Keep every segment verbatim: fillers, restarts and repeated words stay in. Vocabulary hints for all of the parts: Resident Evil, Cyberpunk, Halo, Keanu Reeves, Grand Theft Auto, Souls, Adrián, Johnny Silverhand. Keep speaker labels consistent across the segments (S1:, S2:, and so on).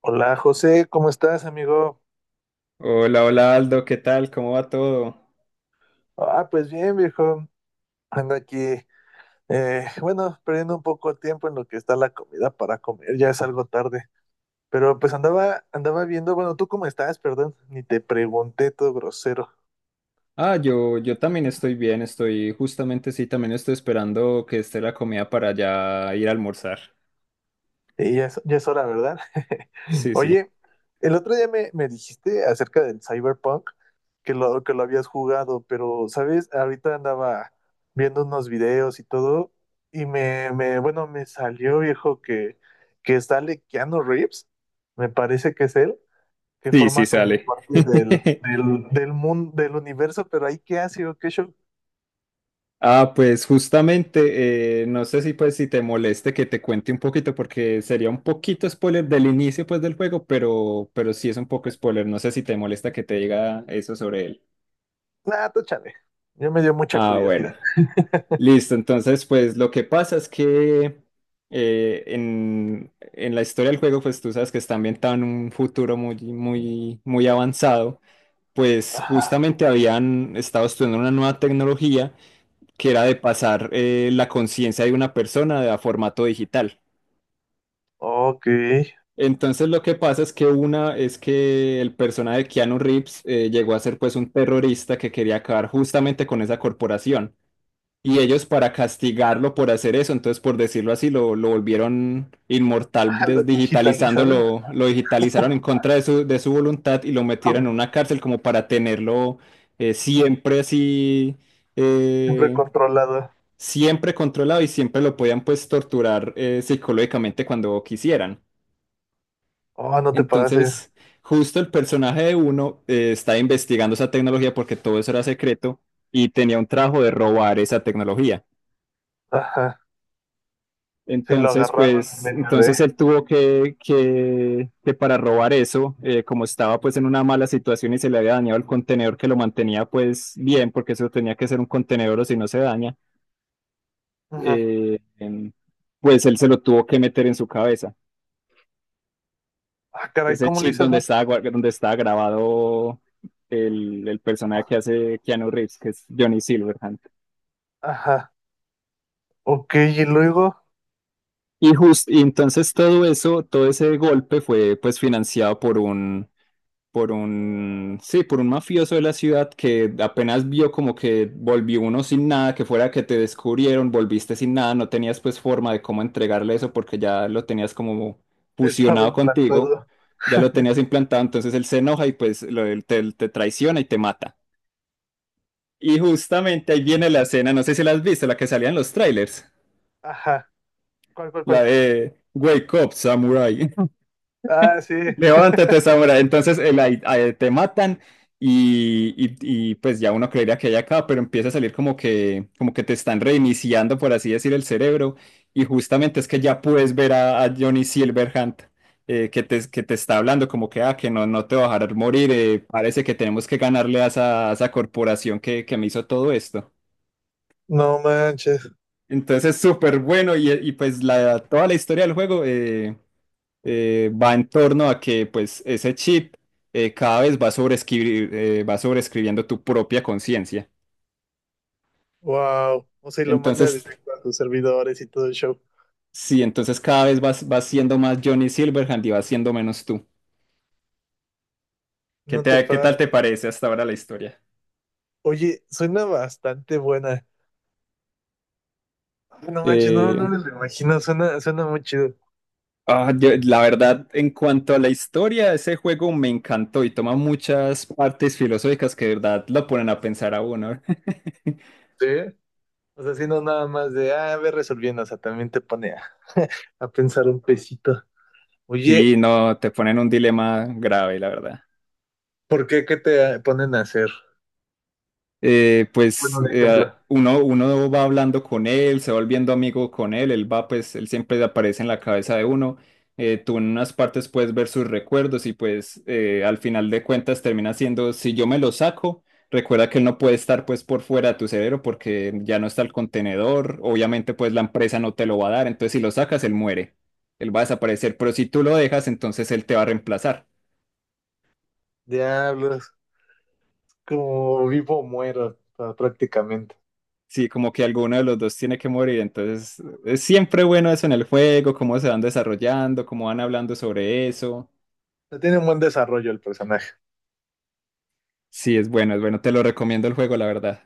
S1: Hola José, ¿cómo estás, amigo?
S2: Hola, hola Aldo, ¿qué tal? ¿Cómo va todo?
S1: Ah, pues bien, viejo. Ando aquí, eh, bueno, perdiendo un poco de tiempo en lo que está la comida para comer, ya es algo tarde. Pero pues andaba, andaba viendo, bueno, ¿tú cómo estás? Perdón, ni te pregunté todo grosero.
S2: Ah, yo, yo también estoy bien, estoy justamente, sí, también estoy esperando que esté la comida para ya ir a almorzar.
S1: Sí, ya es, ya es hora, ¿verdad?
S2: Sí, sí,
S1: Oye, el otro día me, me dijiste acerca del Cyberpunk, que lo, que lo habías jugado, pero, ¿sabes? Ahorita andaba viendo unos videos y todo, y me, me bueno, me salió, viejo, que, que sale Keanu Reeves, me parece que es él, que
S2: sí, sí
S1: forma como
S2: sale.
S1: parte del, del, del mundo, del universo, pero ahí, ¿qué hace o qué show?
S2: Ah, pues justamente, eh, no sé si pues si te moleste que te cuente un poquito, porque sería un poquito spoiler del inicio pues del juego, pero, pero sí es un poco spoiler, no sé si te molesta que te diga eso sobre él.
S1: Nah, tú chale. Yo me dio mucha
S2: Ah, bueno.
S1: curiosidad.
S2: Listo, entonces pues lo que pasa es que eh, en, en la historia del juego pues tú sabes que está ambientado en un futuro muy, muy, muy avanzado, pues
S1: Ajá.
S2: justamente habían estado estudiando una nueva tecnología que era de pasar eh, la conciencia de una persona a formato digital.
S1: Ok.
S2: Entonces lo que pasa es que una es que el personaje de Keanu Reeves eh, llegó a ser pues un terrorista que quería acabar justamente con esa corporación. Y ellos para castigarlo por hacer eso, entonces por decirlo así, lo, lo volvieron inmortal
S1: Ah, lo
S2: desdigitalizando,
S1: digitalizaron.
S2: lo, lo digitalizaron en contra de su, de su voluntad y lo metieron en una cárcel como para tenerlo eh, siempre así,
S1: Siempre
S2: eh,
S1: controlado.
S2: siempre controlado y siempre lo podían pues torturar eh, psicológicamente cuando quisieran.
S1: Oh, no te pases.
S2: Entonces, justo el personaje de uno eh, está investigando esa tecnología porque todo eso era secreto y tenía un trabajo de robar esa tecnología.
S1: Ajá. Sí, lo
S2: Entonces,
S1: agarraron en
S2: pues,
S1: medio de.
S2: entonces él tuvo que, que, que para robar eso, eh, como estaba pues en una mala situación y se le había dañado el contenedor que lo mantenía pues bien, porque eso tenía que ser un contenedor o si no se daña,
S1: Ujú.
S2: eh, em, pues él se lo tuvo que meter en su cabeza.
S1: Ah, caray,
S2: Ese
S1: ¿cómo le
S2: chip
S1: hice
S2: donde
S1: eso?
S2: está, donde está grabado el, el personaje que hace Keanu Reeves, que es Johnny Silverhand.
S1: Ajá. Ok, y luego
S2: Y, just, y entonces todo eso, todo ese golpe fue pues financiado por un por un, sí, por un mafioso de la ciudad que apenas vio como que volvió uno sin nada, que fuera que te descubrieron, volviste sin nada, no tenías pues forma de cómo entregarle eso porque ya lo tenías como
S1: estaba
S2: fusionado contigo,
S1: implantado.
S2: ya lo tenías implantado, entonces él se enoja y pues lo- él te, te traiciona y te mata. Y justamente ahí viene la escena, no sé si la has visto, la que salía en los trailers,
S1: Ajá. ¿Cuál, cuál,
S2: la
S1: cuál?
S2: de Wake Up Samurai.
S1: Ah, sí.
S2: Levántate, Zamora. Entonces el ai- ai- te matan y, y- y, pues ya uno creería que hay acá, pero empieza a salir como que, como que te están reiniciando, por así decir, el cerebro. Y justamente es que ya puedes ver a, a Johnny Silverhand eh, que te, que te está hablando como que, ah, que no, no te va a dejar morir. eh, parece que tenemos que ganarle a esa, a esa corporación que, que me hizo todo esto.
S1: No manches.
S2: Entonces, es súper bueno y, y, pues la, toda la historia del juego. eh, eh, va en torno a que pues ese chip eh, cada vez va sobreescribir- eh, va sobreescribiendo tu propia conciencia.
S1: Wow. O sea, y lo manda
S2: Entonces,
S1: directo a sus servidores y todo el show.
S2: sí, entonces cada vez vas, vas siendo más Johnny Silverhand y vas siendo menos tú. ¿Qué
S1: No te
S2: te- qué tal
S1: pases.
S2: te parece hasta ahora la historia?
S1: Oye, suena bastante buena. Ah, no manches, no, no
S2: Eh,
S1: me lo imagino. Suena, suena muy chido.
S2: ah, yo- la verdad, en cuanto a la historia, ese juego me encantó y toma muchas partes filosóficas que de verdad lo ponen a pensar a uno.
S1: Sí. O sea, si no nada más de, ah, a ver resolviendo, o sea, también te pone a, a pensar un pesito.
S2: Sí,
S1: Oye,
S2: no, te ponen un dilema grave, la verdad.
S1: ¿por qué qué te ponen a hacer?
S2: eh,
S1: Bueno,
S2: pues
S1: un
S2: eh,
S1: ejemplo.
S2: uno, uno va hablando con él, se va volviendo amigo con él, él va, pues él siempre aparece en la cabeza de uno. eh, tú en unas partes puedes ver sus recuerdos y pues eh, al final de cuentas termina siendo, si yo me lo saco, recuerda que él no puede estar pues por fuera de tu cerebro porque ya no está el contenedor, obviamente pues la empresa no te lo va a dar, entonces si lo sacas, él muere, él va a desaparecer, pero si tú lo dejas, entonces él te va a reemplazar.
S1: Diablos, como vivo o muero, pa- prácticamente.
S2: Sí, como que alguno de los dos tiene que morir, entonces es siempre bueno eso en el juego, cómo se van desarrollando, cómo van hablando sobre eso.
S1: O sea, tiene un buen desarrollo el personaje.
S2: Sí, es bueno, es bueno, te lo recomiendo el juego, la verdad.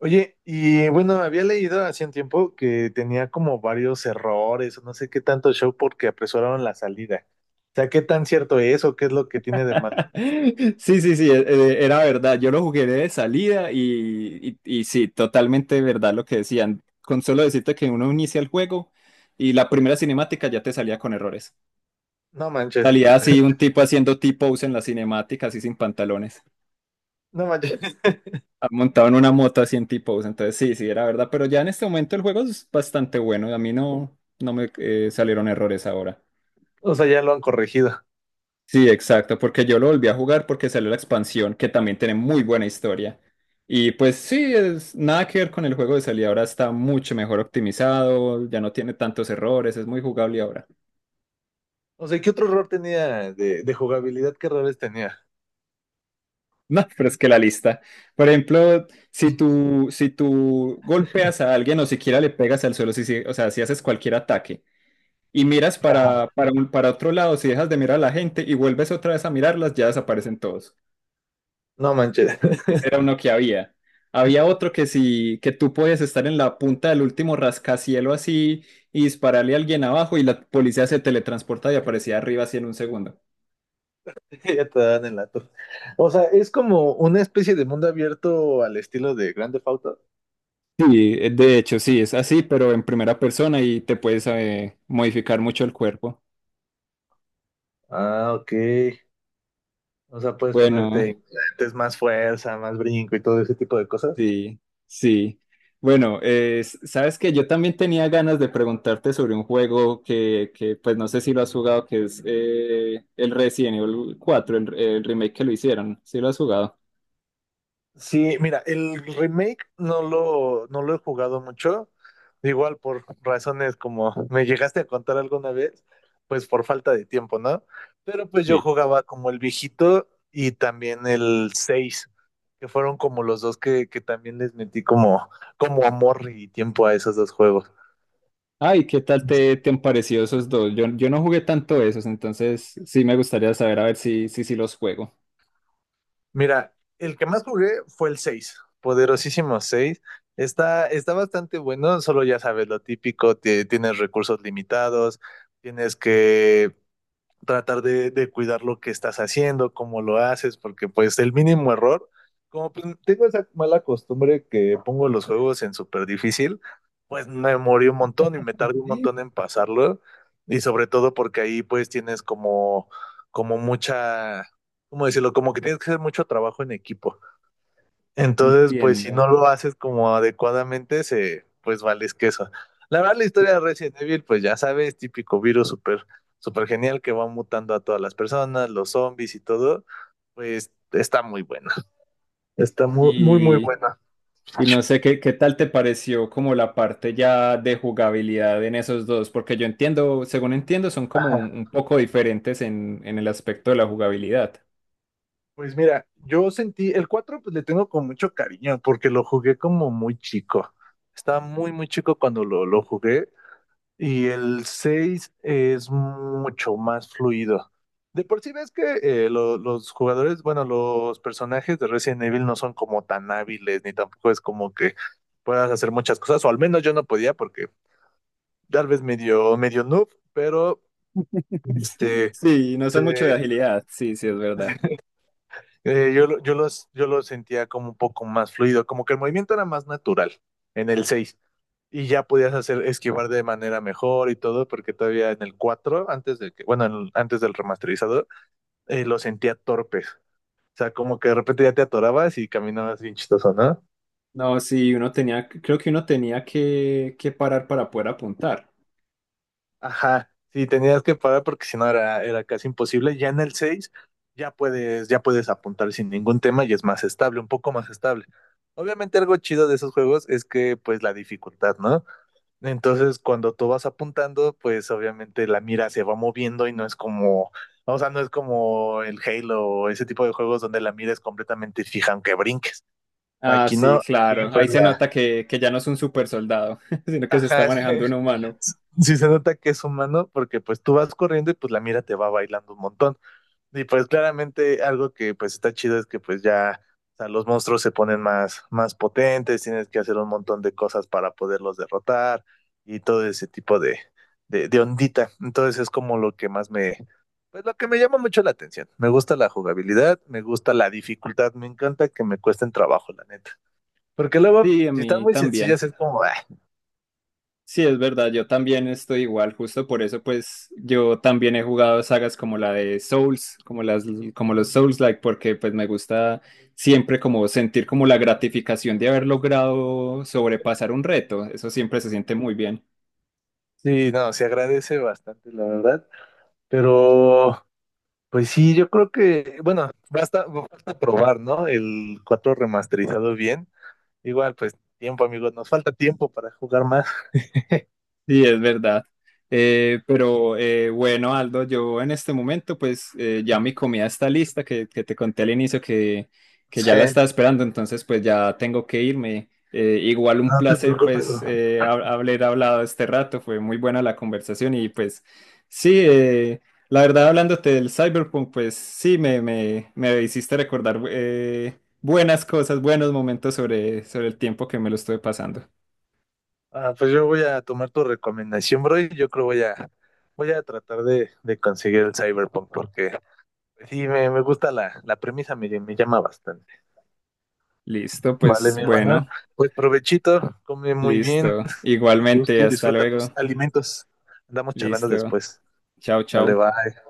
S1: Oye, y bueno, había leído hace un tiempo que tenía como varios errores, o no sé qué tanto show porque apresuraron la salida. O sea, ¿qué tan cierto es o qué es lo que tiene de malo?
S2: Sí, sí, sí, e- e- era verdad, yo lo jugué de salida y, y, y sí, totalmente verdad lo que decían, con solo decirte que uno inicia el juego y la primera cinemática ya te salía con errores.
S1: No manches,
S2: Salía así un tipo haciendo tipo en las cinemáticas así sin pantalones.
S1: no manches.
S2: Ah, montado en una moto así en T-Pose, entonces sí, sí, era verdad, pero ya en este momento el juego es bastante bueno, a mí no, no me eh, salieron errores ahora.
S1: O sea, ya lo han corregido.
S2: Sí, exacto, porque yo lo volví a jugar porque salió la expansión, que también tiene muy buena historia. Y pues sí, es nada que ver con el juego de salida, ahora está mucho mejor optimizado, ya no tiene tantos errores, es muy jugable ahora.
S1: O sea, ¿qué otro error tenía de, de jugabilidad? ¿Qué errores tenía?
S2: No, pero es que la lista, por ejemplo, si tú, si tú golpeas a alguien o siquiera le pegas al suelo, si, si- o sea, si haces cualquier ataque y miras para, para, un- para otro lado, si dejas de mirar a la gente y vuelves otra vez a mirarlas, ya desaparecen todos.
S1: No manches,
S2: Ese era uno que había. Había otro que si que tú podías estar en la punta del último rascacielo así y dispararle a alguien abajo y la policía se teletransporta y aparecía arriba así en un segundo.
S1: ya te dan el dato. O sea, es como una especie de mundo abierto al estilo de Grand Theft Auto.
S2: Sí, eh, de hecho sí, es así, pero en primera persona y te puedes eh, modificar mucho el cuerpo.
S1: Ah, ok. O sea, puedes
S2: Bueno,
S1: ponerte implantes, más fuerza, más brinco y todo ese tipo de cosas.
S2: sí, sí. Bueno, eh, s- sabes que yo también tenía ganas de preguntarte sobre un juego que, que pues no sé si lo has jugado, que es eh, el Resident Evil cuatro, el, el remake que lo hicieron. ¿Sí lo has jugado?
S1: Sí, mira, el remake no lo, no lo he jugado mucho, igual por razones como me llegaste a contar alguna vez, pues por falta de tiempo, ¿no? Pero pues yo
S2: Sí.
S1: jugaba como el viejito y también el seis, que fueron como los dos que, que también les metí como, como amor y tiempo a esos dos juegos.
S2: Ay, ¿qué tal te, te han parecido esos dos? Yo, yo no jugué tanto esos, entonces sí me gustaría saber a ver si, si, si los juego.
S1: Mira, el que más jugué fue el seis, poderosísimo seis. Está, está bastante bueno, solo ya sabes, lo típico, te- tienes recursos limitados, tienes que tratar de, de cuidar lo que estás haciendo, cómo lo haces, porque pues el mínimo error, como pues, tengo esa mala costumbre que pongo los juegos en súper difícil, pues me morí un montón y me tardé un montón en pasarlo. Y sobre todo porque ahí pues tienes como, como mucha, ¿cómo decirlo? Como que tienes que hacer mucho trabajo en equipo. Entonces, pues si
S2: Entiendo.
S1: no lo haces como adecuadamente, se, pues vales queso. La verdad, la historia de Resident Evil, pues ya sabes, típico virus súper, súper genial que va mutando a todas las personas, los zombies y todo, pues está muy buena. Está muy, muy, muy
S2: Y
S1: buena.
S2: y no sé qué, qué tal te pareció como la parte ya de jugabilidad en esos dos, porque yo entiendo, según entiendo, son como
S1: Ajá.
S2: un, un poco diferentes en, en el aspecto de la jugabilidad.
S1: Pues mira, yo sentí, el cuatro pues le tengo con mucho cariño porque lo jugué como muy chico. Estaba muy, muy chico cuando lo, lo jugué. Y el seis es mucho más fluido. De por sí ves que eh, lo- los jugadores, bueno, los personajes de Resident Evil no son como tan hábiles, ni tampoco es como que puedas hacer muchas cosas, o al menos yo no podía porque tal vez medio, medio noob, pero este,
S2: Sí, no son mucho de
S1: se-
S2: agilidad, sí, sí, es verdad.
S1: eh, yo, lo- yo, los, yo lo sentía como un poco más fluido, como que el movimiento era más natural en el seis y ya podías hacer esquivar de manera mejor y todo, porque todavía en el cuatro antes de que, bueno, en- antes del remasterizador, eh, lo sentía torpes. O sea, como que de repente ya te atorabas y caminabas bien chistoso, ¿no?
S2: No, sí, uno tenía, creo que uno tenía que, que parar para poder apuntar.
S1: Ajá. Sí, tenías que parar porque si no era, era casi imposible. Ya en el seis ya puedes, ya puedes apuntar sin ningún tema y es más estable, un poco más estable. Obviamente algo chido de esos juegos es que pues la dificultad, ¿no? Entonces, cuando tú vas apuntando, pues obviamente la mira se va moviendo y no es como, o sea, no es como el Halo o ese tipo de juegos donde la mira es completamente fija, aunque brinques.
S2: Ah,
S1: Aquí
S2: sí,
S1: no. Y
S2: claro, ahí
S1: pues
S2: se
S1: la...
S2: nota que, que ya no es un super soldado, sino que se está
S1: Ajá, sí,
S2: manejando un humano.
S1: sí se nota que es humano porque pues tú vas corriendo y pues la mira te va bailando un montón. Y pues claramente algo que pues está chido es que pues ya, o sea, los monstruos se ponen más, más potentes, tienes que hacer un montón de cosas para poderlos derrotar y todo ese tipo de, de, de ondita. Entonces es como lo que más me, pues lo que me llama mucho la atención. Me gusta la jugabilidad, me gusta la dificultad, me encanta que me cuesten trabajo, la neta. Porque luego,
S2: Sí, a
S1: si están
S2: mí
S1: muy
S2: también.
S1: sencillas, es como, "Ah".
S2: Sí, es verdad, yo también estoy igual, justo por eso pues yo también he jugado sagas como la de Souls, como las como los Souls-like porque pues me gusta siempre como sentir como la gratificación de haber logrado sobrepasar un reto, eso siempre se siente muy bien.
S1: Sí, no, se agradece bastante, la verdad. Pero pues sí, yo creo que, bueno, basta, basta probar, ¿no? El cuatro remasterizado bien. Igual, pues tiempo, amigos, nos falta tiempo para jugar más.
S2: Sí, es verdad. Eh, pero eh, bueno, Aldo, yo en este momento pues eh, ya mi comida está lista, que, que te conté al inicio que, que ya
S1: Sí,
S2: la estaba esperando, entonces pues ya tengo que irme. Eh, igual un
S1: no te
S2: placer
S1: preocupes, bro.
S2: pues eh, hab- haber hablado este rato, fue muy buena la conversación y pues sí, eh, la verdad hablándote del Cyberpunk pues sí, me, me, me hiciste recordar eh, buenas cosas, buenos momentos sobre, sobre el tiempo que me lo estuve pasando.
S1: Ah, pues yo voy a tomar tu recomendación, bro, y yo creo voy a voy a tratar de, de conseguir el Cyberpunk porque pues, sí me, me gusta la, la premisa, me, me llama bastante.
S2: Listo,
S1: Vale,
S2: pues
S1: mi hermana.
S2: bueno.
S1: Pues provechito, come muy bien,
S2: Listo.
S1: a
S2: Igualmente,
S1: gusto,
S2: hasta
S1: disfruta tus
S2: luego.
S1: alimentos. Andamos charlando
S2: Listo.
S1: después.
S2: Chao,
S1: Vale,
S2: chao.
S1: bye.